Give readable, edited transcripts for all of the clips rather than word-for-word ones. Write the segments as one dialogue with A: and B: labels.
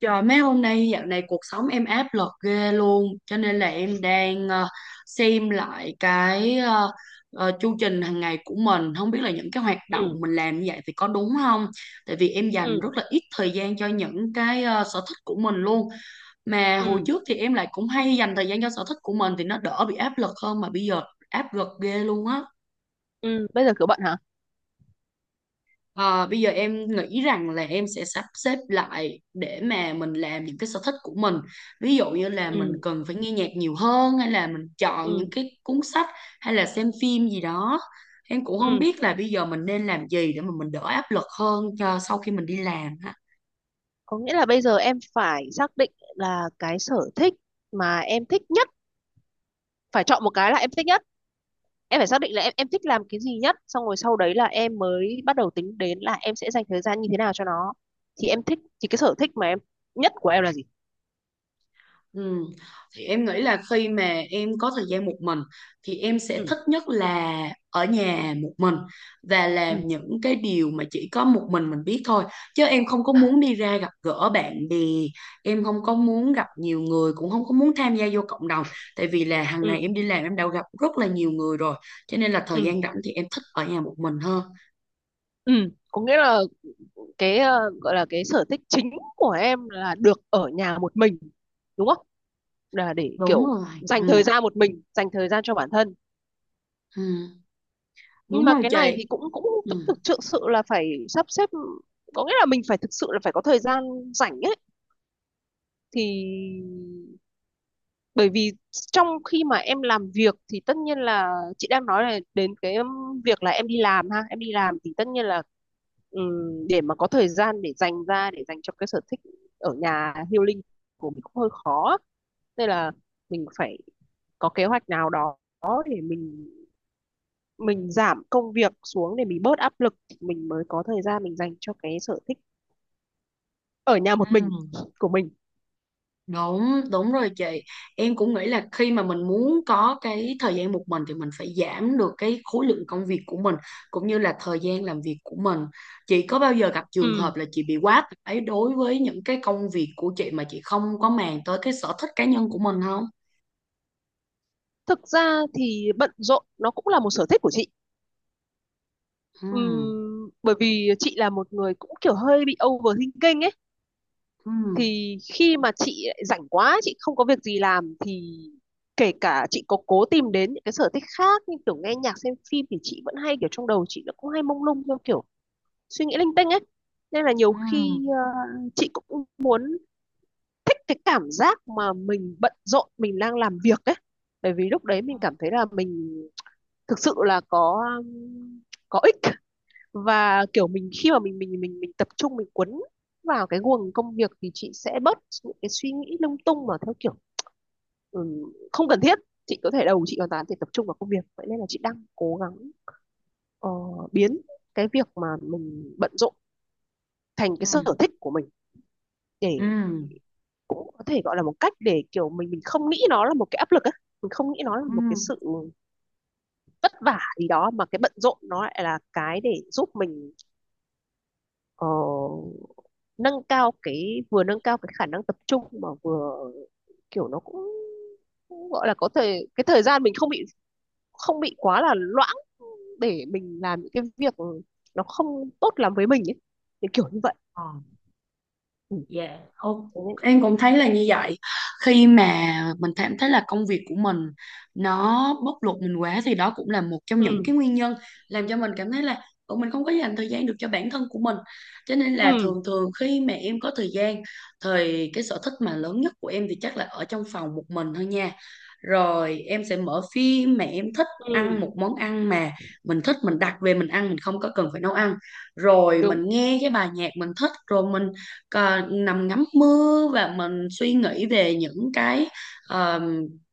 A: Trời mấy hôm nay dạo này cuộc sống em áp lực ghê luôn, cho nên là em đang xem lại cái chu trình hàng ngày của mình, không biết là những cái hoạt động
B: ừ
A: mình làm như vậy thì có đúng không, tại vì em dành
B: ừ
A: rất là ít thời gian cho những cái sở thích của mình luôn. Mà hồi
B: ừ
A: trước thì em lại cũng hay dành thời gian cho sở thích của mình thì nó đỡ bị áp lực hơn, mà bây giờ áp lực ghê luôn á.
B: ừ, bây giờ kiểu bận hả?
A: Ờ, Bây giờ em nghĩ rằng là em sẽ sắp xếp lại để mà mình làm những cái sở thích của mình. Ví dụ như là mình
B: ừ
A: cần phải nghe nhạc nhiều hơn, hay là mình chọn những
B: ừ
A: cái cuốn sách, hay là xem phim gì đó. Em cũng không
B: ừ
A: biết là bây giờ mình nên làm gì để mà mình đỡ áp lực hơn cho sau khi mình đi làm.
B: Có nghĩa là bây giờ em phải xác định là cái sở thích mà em thích nhất, phải chọn một cái là em thích nhất. Em phải xác định là em thích làm cái gì nhất, xong rồi sau đấy là em mới bắt đầu tính đến là em sẽ dành thời gian như thế nào cho nó. Thì em thích, thì cái sở thích mà em nhất của em là gì?
A: Ừ. Thì em nghĩ là khi mà em có thời gian một mình thì em sẽ
B: ừ
A: thích nhất là ở nhà một mình và
B: ừ
A: làm những cái điều mà chỉ có một mình biết thôi, chứ em không có muốn đi ra gặp gỡ bạn bè, em không có muốn gặp nhiều người, cũng không có muốn tham gia vô cộng đồng, tại vì là hàng
B: ừ
A: ngày em đi làm em đã gặp rất là nhiều người rồi, cho nên là thời
B: ừ
A: gian rảnh thì em thích ở nhà một mình hơn.
B: ừ Có nghĩa là cái gọi là cái sở thích chính của em là được ở nhà một mình, đúng không? Là để
A: Đúng
B: kiểu
A: rồi.
B: dành thời
A: Ừ,
B: gian một mình, dành thời gian cho bản thân.
A: ừ.
B: Nhưng
A: Đúng
B: mà
A: rồi
B: cái
A: chị.
B: này thì cũng cũng cũng
A: Ừ.
B: thực thực sự là phải sắp xếp. Có nghĩa là mình phải thực sự là phải có thời gian rảnh ấy, thì bởi vì trong khi mà em làm việc thì tất nhiên là chị đang nói là đến cái việc là em đi làm ha, em đi làm thì tất nhiên là để mà có thời gian để dành ra để dành cho cái sở thích ở nhà healing của mình cũng hơi khó. Nên là mình phải có kế hoạch nào đó để mình giảm công việc xuống để mình bớt áp lực, thì mình mới có thời gian mình dành cho cái sở thích ở nhà một mình
A: Ừ.
B: của mình.
A: Đúng, đúng rồi chị. Em cũng nghĩ là khi mà mình muốn có cái thời gian một mình thì mình phải giảm được cái khối lượng công việc của mình, cũng như là thời gian làm việc của mình. Chị có bao giờ gặp trường
B: Ừ.
A: hợp là chị bị quá tải đối với những cái công việc của chị mà chị không có màng tới cái sở thích cá nhân của mình không?
B: Thực ra thì bận rộn nó cũng là một sở thích của chị.
A: Ừ,
B: Bởi vì chị là một người cũng kiểu hơi bị overthinking ấy,
A: ừ,
B: thì khi mà chị lại rảnh quá, chị không có việc gì làm thì kể cả chị có cố tìm đến những cái sở thích khác như kiểu nghe nhạc, xem phim thì chị vẫn hay kiểu trong đầu chị nó cũng hay mông lung theo kiểu suy nghĩ linh tinh ấy. Nên là nhiều
A: ừ,
B: khi chị cũng muốn, thích cái cảm giác mà mình bận rộn, mình đang làm việc đấy. Bởi vì lúc đấy mình cảm thấy là mình thực sự là có ích. Và kiểu mình khi mà mình tập trung, mình cuốn vào cái guồng công việc thì chị sẽ bớt những cái suy nghĩ lung tung mà theo kiểu ừm, không cần thiết. Chị có thể đầu chị hoàn toàn thì tập trung vào công việc, vậy nên là chị đang cố gắng ờ, biến cái việc mà mình bận rộn thành
A: ừ,
B: cái sở thích của mình, để
A: ừ,
B: có thể gọi là một cách để kiểu mình không nghĩ nó là một cái áp lực á, mình không nghĩ nó là
A: ừ.
B: một cái sự vất vả gì đó, mà cái bận rộn nó lại là cái để giúp mình ờ, nâng cao cái, vừa nâng cao cái khả năng tập trung, mà vừa kiểu nó cũng, cũng gọi là có thể cái thời gian mình không bị, không bị quá là loãng để mình làm những cái việc nó không tốt lắm với mình ấy, thì kiểu như vậy.
A: Ờ.
B: Ừ.
A: Dạ, ô-
B: Thế nên-
A: Em cũng thấy là như vậy. Khi mà mình cảm thấy là công việc của mình nó bóc lột mình quá thì đó cũng là một trong những
B: ừ
A: cái nguyên nhân làm cho mình cảm thấy là "Ủa, mình không có dành thời gian được cho bản thân của mình." Cho nên là
B: ừ
A: thường thường khi mà em có thời gian thì cái sở thích mà lớn nhất của em thì chắc là ở trong phòng một mình thôi nha. Rồi em sẽ mở phim mà em thích, ăn
B: ừ.
A: một món ăn mà mình thích, mình đặt về mình ăn, mình không có cần phải nấu ăn. Rồi
B: đúng
A: mình nghe cái bài nhạc mình thích, rồi mình nằm ngắm mưa và mình suy nghĩ về những cái ờ,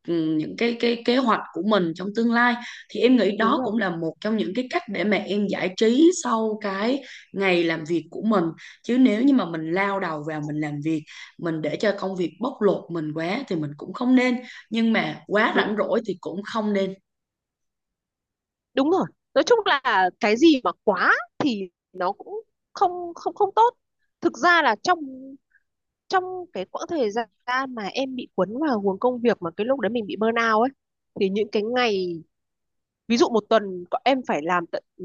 A: những cái kế hoạch của mình trong tương lai, thì em nghĩ
B: đúng
A: đó
B: rồi
A: cũng là một trong những cái cách để mà em giải trí sau cái ngày làm việc của mình. Chứ nếu như mà mình lao đầu vào mình làm việc, mình để cho công việc bóc lột mình quá thì mình cũng không nên, nhưng mà quá
B: đúng
A: rảnh rỗi thì cũng không nên.
B: đúng rồi Nói chung là cái gì mà quá thì nó cũng không không không tốt. Thực ra là trong trong cái quãng thời gian mà em bị cuốn vào guồng công việc, mà cái lúc đấy mình bị burnout ấy, thì những cái ngày, ví dụ một tuần em phải làm tận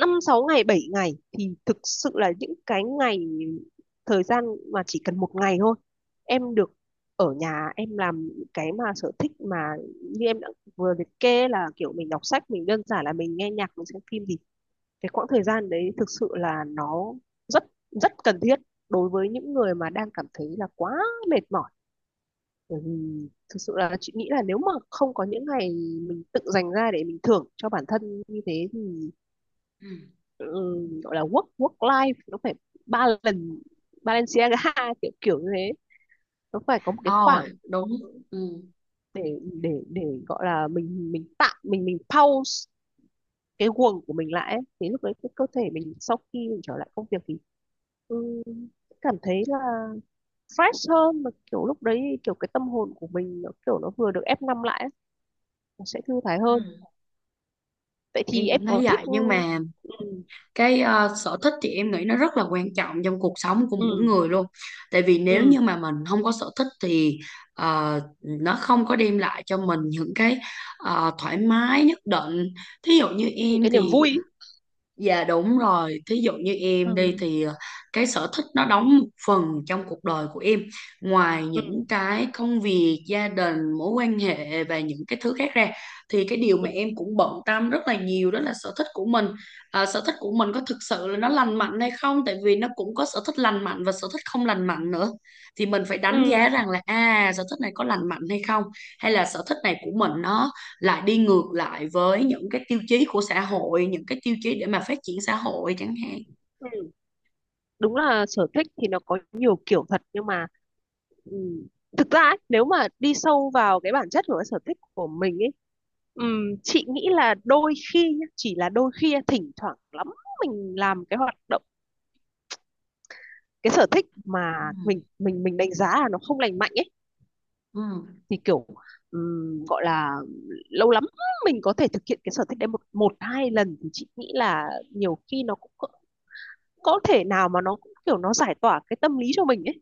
B: năm sáu ngày, bảy ngày, thì thực sự là những cái ngày, thời gian mà chỉ cần một ngày thôi em được ở nhà, em làm cái mà sở thích mà như em đã vừa liệt kê là kiểu mình đọc sách, mình đơn giản là mình nghe nhạc, mình xem phim, thì cái quãng thời gian đấy thực sự là nó rất rất cần thiết đối với những người mà đang cảm thấy là quá mệt mỏi. Bởi vì thực sự là chị nghĩ là nếu mà không có những ngày mình tự dành ra để mình thưởng cho bản thân như thế thì
A: Ừ.
B: ừ, gọi là work work life nó phải ba lần Balenciaga kiểu kiểu như thế, nó phải có một cái
A: Ờ,
B: khoảng
A: đúng. Ừ.
B: để để gọi là mình tạm mình pause cái guồng của mình lại ấy. Thế lúc đấy cái cơ thể mình sau khi mình trở lại công việc thì ừ, cảm thấy là fresh hơn. Mà kiểu lúc đấy kiểu cái tâm hồn của mình nó kiểu nó vừa được ép năm lại ấy, nó sẽ thư thái
A: Ừ.
B: hơn. Vậy thì
A: Em
B: em
A: cũng thấy
B: có thích
A: vậy, nhưng mà
B: ừ,
A: cái sở thích thì em nghĩ nó rất là quan trọng trong cuộc sống của mỗi
B: ừ,
A: người luôn, tại vì nếu
B: ừ,
A: như mà mình không có sở thích thì nó không có đem lại cho mình những cái thoải mái nhất định. Thí dụ như
B: những
A: em
B: cái niềm
A: thì
B: vui ý.
A: Dạ đúng rồi, thí dụ như
B: Ừ.
A: em đi thì cái sở thích nó đóng một phần trong cuộc đời của em. Ngoài
B: ừ,
A: những cái công việc, gia đình, mối quan hệ và những cái thứ khác ra thì cái điều mà em cũng bận tâm rất là nhiều đó là sở thích của mình. À, sở thích của mình có thực sự là nó lành mạnh hay không? Tại vì nó cũng có sở thích lành mạnh và sở thích không lành mạnh nữa. Thì mình phải đánh
B: ừ,
A: giá rằng là à sở thích này có lành mạnh hay không, hay là sở thích này của mình nó lại đi ngược lại với những cái tiêu chí của xã hội, những cái tiêu chí để mà phát triển xã hội chẳng hạn.
B: ừ. Đúng là sở thích thì nó có nhiều kiểu thật, nhưng mà ừ, thực ra ấy, nếu mà đi sâu vào cái bản chất của cái sở thích của mình ấy, ừ, chị nghĩ là đôi khi nhá, chỉ là đôi khi, thỉnh thoảng lắm mình làm cái hoạt động, cái sở thích
A: Ừ.
B: mà mình đánh giá là nó không lành mạnh ấy,
A: Ừ.
B: thì kiểu gọi là lâu lắm mình có thể thực hiện cái sở thích đấy một một hai lần thì chị nghĩ là nhiều khi nó cũng có thể nào mà nó cũng kiểu nó giải tỏa cái tâm lý cho mình ấy.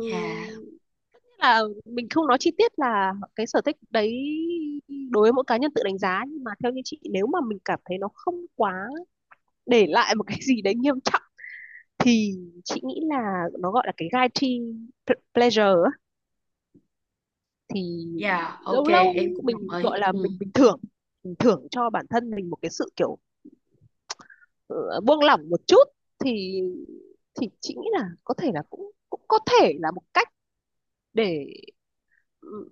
A: Dạ.
B: là mình không nói chi tiết là cái sở thích đấy đối với mỗi cá nhân tự đánh giá, nhưng mà theo như chị nếu mà mình cảm thấy nó không quá để lại một cái gì đấy nghiêm trọng thì chị nghĩ là nó gọi là cái guilty pleasure ấy. Thì
A: Dạ ok,
B: lâu lâu
A: em cũng
B: mình
A: đồng ý.
B: gọi là
A: Ừ.
B: mình bình thường mình thưởng cho bản thân mình một cái sự kiểu ờ, buông lỏng một chút, thì chị nghĩ là có thể là cũng cũng có thể là một cách để ừ,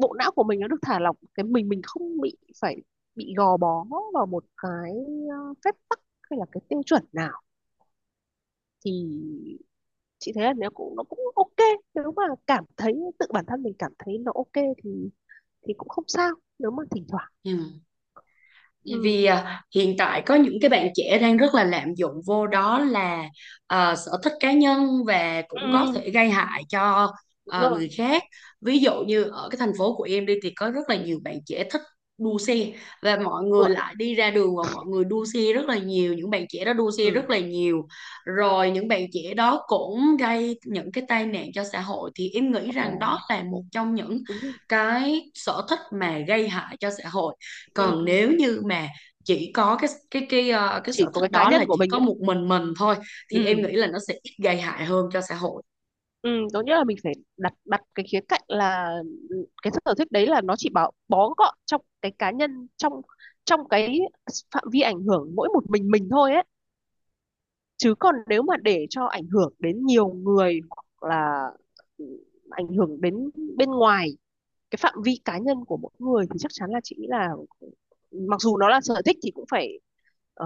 B: bộ não của mình nó được thả lỏng, cái mình không bị phải, bị gò bó vào một cái phép tắc hay là cái tiêu chuẩn nào, thì chị thấy là nếu cũng nó cũng ok, nếu mà cảm thấy tự bản thân mình cảm thấy nó ok thì cũng không sao nếu mà thỉnh thoảng.
A: Ừ.
B: Ừ.
A: Vì à, hiện tại có những cái bạn trẻ đang rất là lạm dụng vô, đó là à, sở thích cá nhân và cũng có
B: Ừ,
A: thể gây hại cho
B: Đúng
A: à, người
B: rồi,
A: khác. Ví dụ như ở cái thành phố của em đi thì có rất là nhiều bạn trẻ thích đua xe, và mọi người
B: tuổi.
A: lại đi ra đường và mọi người đua xe rất là nhiều, những bạn trẻ đó đua xe
B: Ừ,
A: rất là nhiều. Rồi những bạn trẻ đó cũng gây những cái tai nạn cho xã hội, thì em nghĩ
B: Hoặc là
A: rằng đó là một trong những
B: đúng rồi.
A: cái sở thích mà gây hại cho xã hội.
B: Ừ,
A: Còn nếu như mà chỉ có cái
B: chỉ
A: sở
B: có
A: thích
B: cái cá
A: đó
B: nhân
A: là
B: của
A: chỉ
B: mình
A: có
B: ấy.
A: một mình thôi thì em
B: Ừ,
A: nghĩ là nó sẽ ít gây hại hơn cho xã hội.
B: ừ, có nghĩa là mình phải đặt đặt cái khía cạnh là cái sở thích đấy là nó chỉ bảo bó gọn trong cái cá nhân, trong trong cái phạm vi ảnh hưởng mỗi một mình thôi ấy. Chứ còn nếu mà để cho ảnh hưởng đến nhiều người hoặc là ừ, ảnh hưởng đến bên ngoài cái phạm vi cá nhân của mỗi người thì chắc chắn là chị nghĩ là mặc dù nó là sở thích thì cũng phải ờ,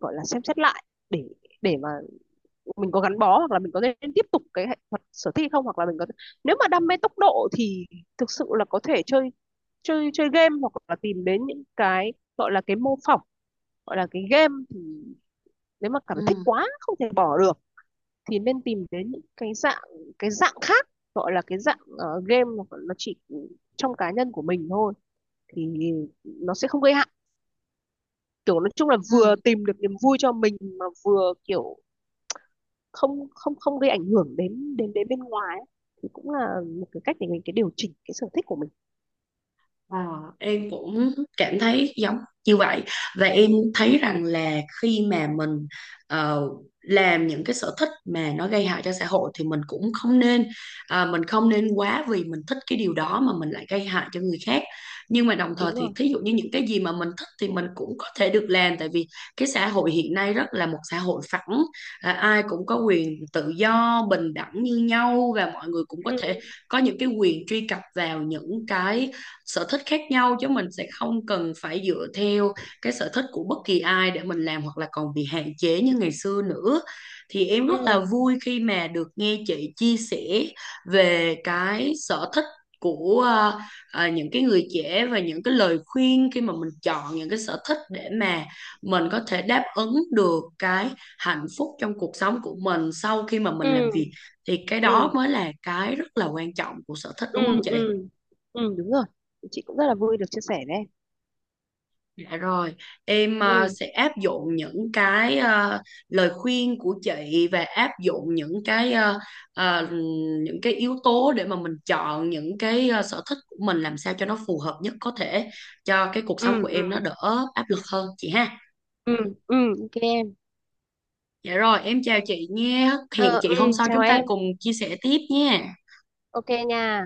B: gọi là xem xét lại để để mà mình có gắn bó hoặc là mình có nên tiếp tục cái hoạt sở thích không, hoặc là mình có, nếu mà đam mê tốc độ thì thực sự là có thể chơi chơi chơi game hoặc là tìm đến những cái gọi là cái mô phỏng, gọi là cái game. Thì nếu mà cảm
A: Ừ.
B: thấy thích quá không thể bỏ được thì nên tìm đến những cái dạng, cái dạng khác, gọi là cái dạng game nó chỉ trong cá nhân của mình thôi, thì nó sẽ không gây hại. Kiểu nói chung là vừa
A: Ừ.
B: tìm được niềm vui cho mình mà vừa kiểu không không không gây ảnh hưởng đến đến đến bên ngoài ấy, thì cũng là một cái cách để mình cái điều chỉnh cái sở thích của mình.
A: Ờ, em cũng cảm thấy giống như vậy, và em thấy rằng là khi mà mình ờ, làm những cái sở thích mà nó gây hại cho xã hội thì mình cũng không nên, à, mình không nên quá vì mình thích cái điều đó mà mình lại gây hại cho người khác. Nhưng mà đồng thời
B: Đúng
A: thì
B: không?
A: thí dụ như những cái gì mà mình thích thì mình cũng có thể được làm, tại vì cái xã hội hiện nay rất là một xã hội phẳng, à, ai cũng có quyền tự do bình đẳng như nhau và mọi người cũng có thể
B: ừ
A: có những cái quyền truy cập vào những cái sở thích khác nhau, chứ mình sẽ không cần phải dựa theo cái sở thích của bất kỳ ai để mình làm hoặc là còn bị hạn chế như ngày xưa nữa. Thì em rất là
B: ừ
A: vui khi mà được nghe chị chia sẻ về cái sở thích của những cái người trẻ và những cái lời khuyên khi mà mình chọn những cái sở thích để mà mình có thể đáp ứng được cái hạnh phúc trong cuộc sống của mình sau khi mà mình làm việc,
B: ừ
A: thì cái đó
B: ừ
A: mới là cái rất là quan trọng của sở thích,
B: ừ
A: đúng không chị?
B: ừ ừ đúng rồi, chị cũng rất là vui được chia sẻ với.
A: Dạ rồi, em
B: ừ
A: sẽ áp dụng những cái lời khuyên của chị và áp dụng những cái ờ, những cái yếu tố để mà mình chọn những cái sở thích của mình làm sao cho nó phù hợp nhất có thể cho cái cuộc sống của
B: ừ
A: em nó đỡ áp lực hơn chị ha.
B: ừ ừ.
A: Dạ rồi, em chào chị nha.
B: Ờ,
A: Hẹn chị hôm
B: ừ,
A: sau chúng ta cùng chia sẻ tiếp nha.
B: ok nha.